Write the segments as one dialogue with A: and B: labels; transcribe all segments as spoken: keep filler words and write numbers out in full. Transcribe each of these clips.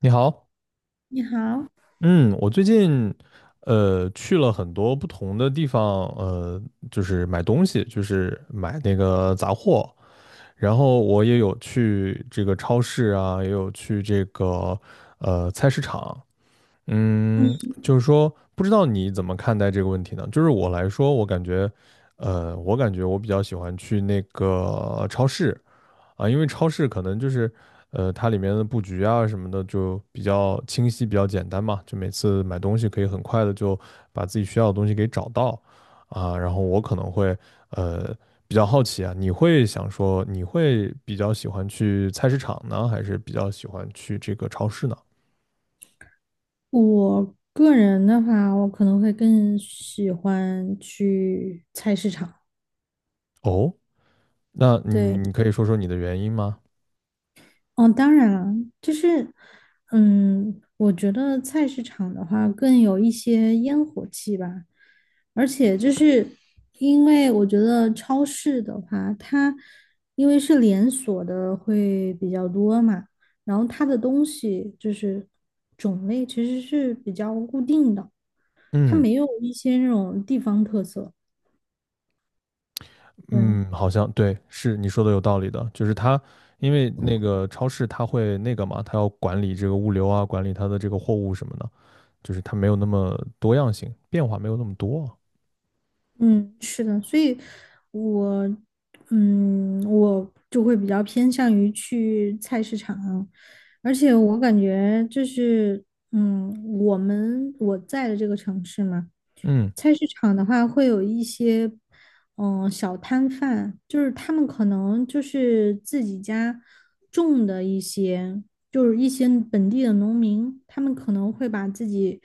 A: 你好。
B: 你好。
A: 嗯，我最近呃去了很多不同的地方，呃，就是买东西，就是买那个杂货。然后我也有去这个超市啊，也有去这个呃菜市场。嗯，
B: 嗯，
A: 就是说不知道你怎么看待这个问题呢？就是我来说，我感觉，呃，我感觉我比较喜欢去那个超市。啊，因为超市可能就是，呃，它里面的布局啊什么的就比较清晰，比较简单嘛，就每次买东西可以很快的就把自己需要的东西给找到。啊，然后我可能会，呃，比较好奇啊。你会想说，你会比较喜欢去菜市场呢，还是比较喜欢去这个超市呢？
B: 我个人的话，我可能会更喜欢去菜市场。
A: 哦，那你
B: 对。
A: 你可以说说你的原因吗？
B: 哦，当然了，就是，嗯，我觉得菜市场的话更有一些烟火气吧，而且就是因为我觉得超市的话，它因为是连锁的会比较多嘛，然后它的东西就是种类其实是比较固定的。它
A: 嗯
B: 没有一些那种地方特色。对，
A: 嗯，好像对，是你说的有道理的。就是它，因为那个超市它会那个嘛，它要管理这个物流啊，管理它的这个货物什么的，就是它没有那么多样性，变化没有那么多。
B: 嗯，是的，所以我，嗯，我就会比较偏向于去菜市场，而且我感觉就是，嗯，我们我在的这个城市嘛。
A: 嗯
B: 菜市场的话会有一些。嗯，小摊贩，就是他们可能就是自己家种的一些，就是一些本地的农民，他们可能会把自己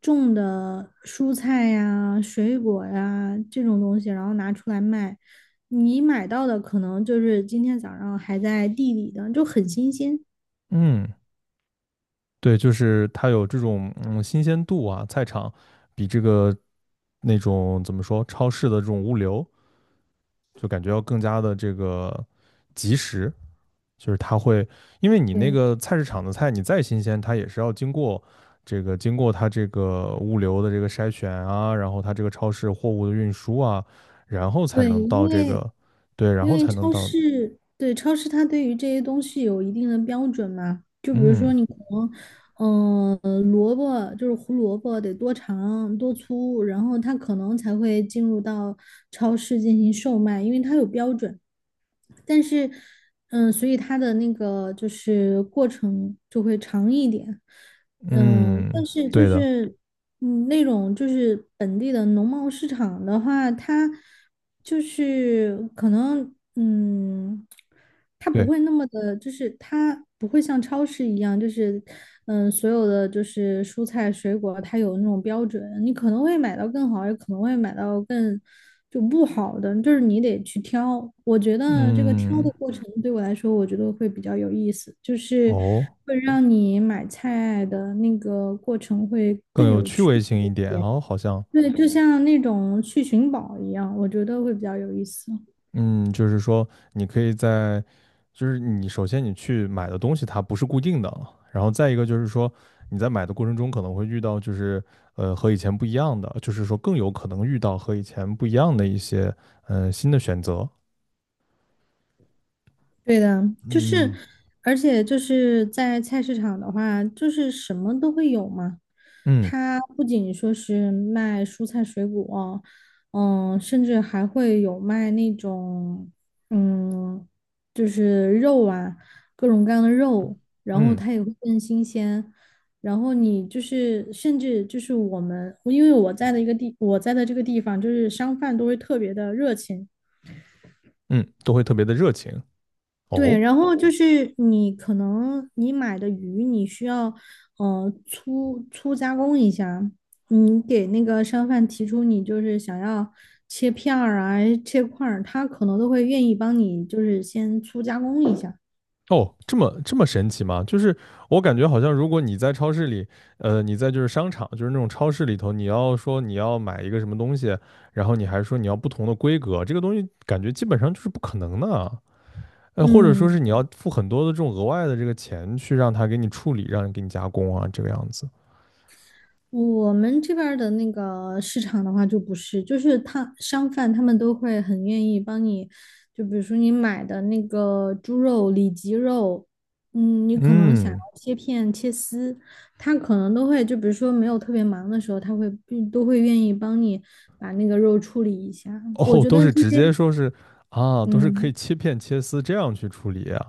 B: 种的蔬菜呀、水果呀这种东西，然后拿出来卖。你买到的可能就是今天早上还在地里的，就很新鲜。
A: 嗯。对，就是它有这种嗯新鲜度啊，菜场比这个那种怎么说超市的这种物流，就感觉要更加的这个及时。就是它会，因为你那
B: 对。
A: 个菜市场的菜，你再新鲜，它也是要经过这个经过它这个物流的这个筛选啊，然后它这个超市货物的运输啊，然后才
B: 对，
A: 能到
B: 因
A: 这
B: 为
A: 个。对，然
B: 因
A: 后
B: 为
A: 才能
B: 超
A: 到。
B: 市，对，超市它对于这些东西有一定的标准嘛，就比如说
A: 嗯
B: 你可能，嗯、呃萝卜就是胡萝卜得多长多粗，然后它可能才会进入到超市进行售卖，因为它有标准。但是，嗯、所以它的那个就是过程就会长一点。嗯，
A: 嗯，
B: 但是就
A: 对的，
B: 是，嗯，那种就是本地的农贸市场的话，它就是可能，嗯，它不
A: 对，
B: 会那么的，就是它不会像超市一样，就是，嗯，所有的就是蔬菜水果，它有那种标准，你可能会买到更好，也可能会买到更就不好的，就是你得去挑。我觉得这个挑
A: 嗯，
B: 的过程对我来说，我觉得会比较有意思，就是。
A: 哦。
B: 会让你买菜的那个过程会
A: 更
B: 更
A: 有
B: 有
A: 趣
B: 趣
A: 味性一
B: 一
A: 点，然
B: 点。
A: 后好像，
B: 对，就像那种去寻宝一样，我觉得会比较有意思。
A: 嗯，就是说你可以在，就是你首先你去买的东西它不是固定的，然后再一个就是说你在买的过程中可能会遇到就是呃和以前不一样的，就是说更有可能遇到和以前不一样的一些呃新的选择。
B: 对的。就是，
A: 嗯
B: 而且就是在菜市场的话，就是什么都会有嘛。
A: 嗯
B: 它不仅说是卖蔬菜水果，嗯，甚至还会有卖那种，嗯，就是肉啊，各种各样的肉，然后
A: 嗯
B: 它也会更新鲜。然后你就是，甚至就是我们，因为我在的一个地，我在的这个地方，就是商贩都会特别的热情。
A: 嗯，都会特别的热情
B: 对，
A: 哦。
B: 然后就是你可能你买的鱼，你需要呃粗粗加工一下，你给那个商贩提出你就是想要切片儿啊、切块儿，他可能都会愿意帮你就是先粗加工一下。
A: 哦，这么这么神奇吗？就是我感觉好像，如果你在超市里，呃，你在就是商场，就是那种超市里头，你要说你要买一个什么东西，然后你还说你要不同的规格，这个东西感觉基本上就是不可能的啊。呃，或者说
B: 嗯。
A: 是你要付很多的这种额外的这个钱去让他给你处理，让你给你加工啊，这个样子。
B: 我们这边儿的那个市场的话，就不是，就是他商贩他们都会很愿意帮你，就比如说你买的那个猪肉、里脊肉，嗯，你可能想要
A: 嗯，
B: 切片、切丝，他可能都会，就比如说没有特别忙的时候，他会嗯都会愿意帮你把那个肉处理一下。我
A: 哦，
B: 觉
A: 都
B: 得
A: 是
B: 这
A: 直
B: 些，
A: 接说是啊，都是可以
B: 嗯，
A: 切片切丝这样去处理啊。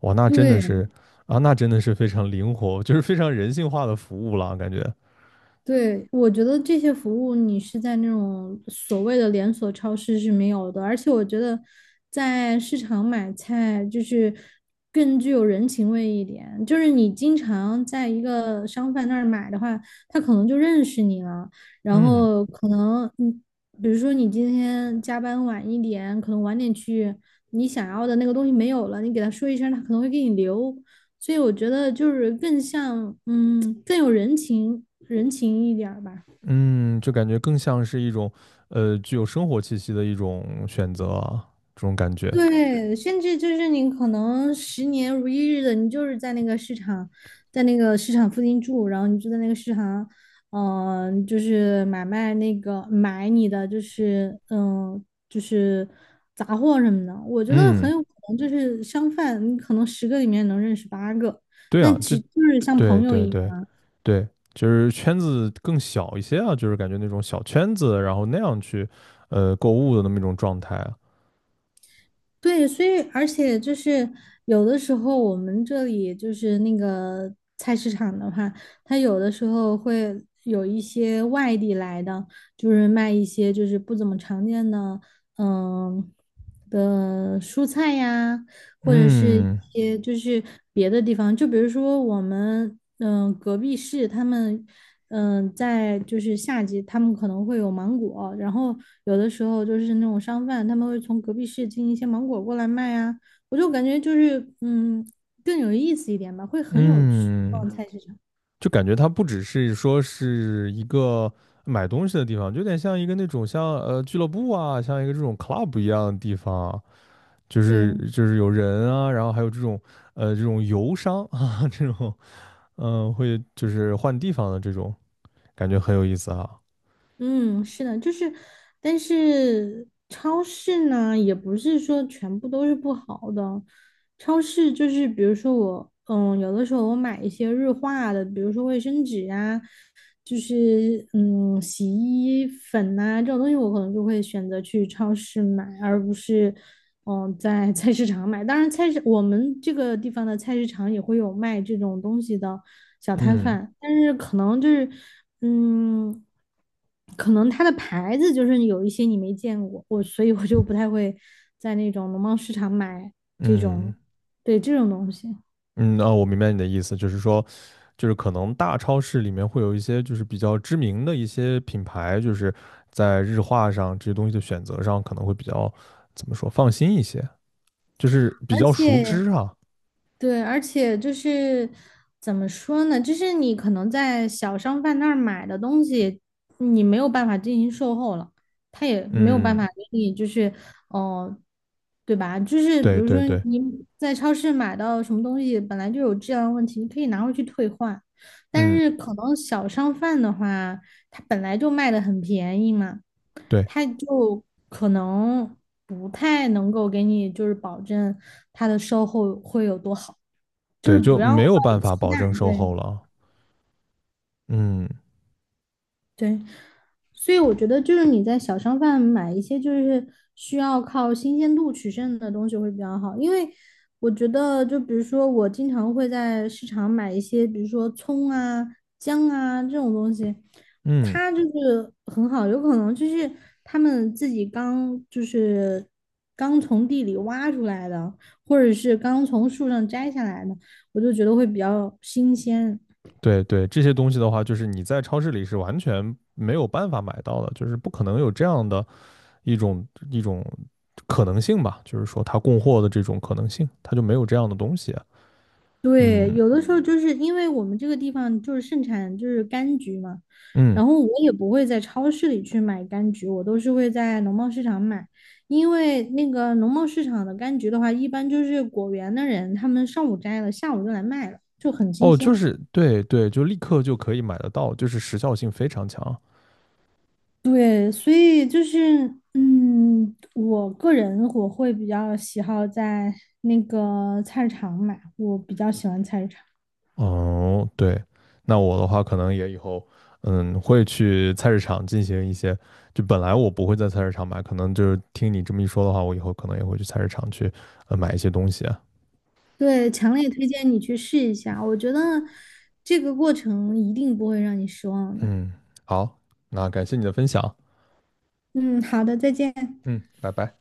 A: 哇，那真的
B: 对。
A: 是啊，那真的是非常灵活，就是非常人性化的服务了，感觉。
B: 对，我觉得这些服务你是在那种所谓的连锁超市是没有的，而且我觉得在市场买菜就是更具有人情味一点。就是你经常在一个商贩那儿买的话，他可能就认识你了，然
A: 嗯
B: 后可能你比如说你今天加班晚一点，可能晚点去，你想要的那个东西没有了，你给他说一声，他可能会给你留。所以我觉得就是更像，嗯，更有人情人情一点儿吧。
A: 嗯，就感觉更像是一种呃具有生活气息的一种选择啊，这种感觉。
B: 对，甚至就是你可能十年如一日的，你就是在那个市场，在那个市场附近住，然后你就在那个市场，嗯、呃就是买卖那个买你的，就是嗯、呃就是杂货什么的。我觉得很
A: 嗯，
B: 有可能就是商贩，你可能十个里面能认识八个，
A: 对
B: 那
A: 啊，就
B: 其就是像朋
A: 对
B: 友
A: 对
B: 一
A: 对
B: 样。
A: 对，就是圈子更小一些啊，就是感觉那种小圈子，然后那样去呃购物的那么一种状态啊。
B: 对，所以而且就是有的时候我们这里就是那个菜市场的话，它有的时候会有一些外地来的，就是卖一些就是不怎么常见的，嗯的蔬菜呀，或者是一
A: 嗯
B: 些就是别的地方，就比如说我们嗯、呃隔壁市他们嗯、呃在就是夏季他们可能会有芒果，然后有的时候就是那种商贩他们会从隔壁市进一些芒果过来卖啊，我就感觉就是嗯更有意思一点吧，会很有趣
A: 嗯。
B: 逛菜市场，
A: 就感觉它不只是说是一个买东西的地方，就有点像一个那种像呃俱乐部啊，像一个这种 club 一样的地方，就是
B: 对。
A: 就是有人啊，然后还有这种呃这种游商啊，这种嗯、呃会就是换地方的这种感觉很有意思啊。
B: 嗯，是的，就是，但是超市呢，也不是说全部都是不好的。超市就是，比如说我，嗯，有的时候我买一些日化的，比如说卫生纸啊，就是嗯，洗衣粉呐、这种东西，我可能就会选择去超市买，而不是嗯在菜市场买。当然，菜市我们这个地方的菜市场也会有卖这种东西的小摊
A: 嗯
B: 贩，但是可能就是嗯，可能它的牌子就是有一些你没见过，我所以我就不太会在那种农贸市场买这
A: 嗯
B: 种，对这种东西。
A: 嗯，那我明白你的意思，就是说，就是可能大超市里面会有一些就是比较知名的一些品牌，就是在日化上这些东西的选择上可能会比较怎么说放心一些，就是
B: 而
A: 比较熟
B: 且
A: 知啊。
B: 对，而且就是怎么说呢？就是你可能在小商贩那儿买的东西，你没有办法进行售后了，他也没有办法
A: 嗯，
B: 给你，就是哦、呃对吧？就是比
A: 对
B: 如说
A: 对对，
B: 你在超市买到什么东西，本来就有质量问题，你可以拿回去退换，但
A: 嗯
B: 是可能小商贩的话，他本来就卖的很便宜嘛。
A: 对
B: 他就可能不太能够给你就是保证他的售后会有多好，就是
A: 对，就
B: 不要抱
A: 没有办
B: 有
A: 法
B: 期
A: 保
B: 待，
A: 证售
B: 对。
A: 后了。嗯
B: 对，所以我觉得就是你在小商贩买一些就是需要靠新鲜度取胜的东西会比较好，因为我觉得就比如说我经常会在市场买一些，比如说葱啊、姜啊这种东西，
A: 嗯，
B: 它就是很好，有可能就是他们自己刚就是刚从地里挖出来的，或者是刚从树上摘下来的，我就觉得会比较新鲜。
A: 对对，这些东西的话，就是你在超市里是完全没有办法买到的，就是不可能有这样的。一种一种可能性吧，就是说它供货的这种可能性，它就没有这样的东西啊。
B: 对，
A: 嗯
B: 有的时候就是因为我们这个地方就是盛产就是柑橘嘛，
A: 嗯，
B: 然后我也不会在超市里去买柑橘，我都是会在农贸市场买，因为那个农贸市场的柑橘的话，一般就是果园的人他们上午摘了，下午就来卖了，就很新
A: 哦，就
B: 鲜。
A: 是对对，就立刻就可以买得到，就是时效性非常强。
B: 对，所以就是，嗯，我个人我会比较喜好在那个菜市场买，我比较喜欢菜市场。
A: 哦，对，那我的话可能也以后嗯会去菜市场进行一些，就本来我不会在菜市场买，可能就是听你这么一说的话，我以后可能也会去菜市场去呃买一些东西啊。
B: 对，强烈推荐你去试一下，我觉得这个过程一定不会让你失望的。
A: 嗯，好，那感谢你的分享。
B: 嗯，好的，再见。
A: 嗯，拜拜。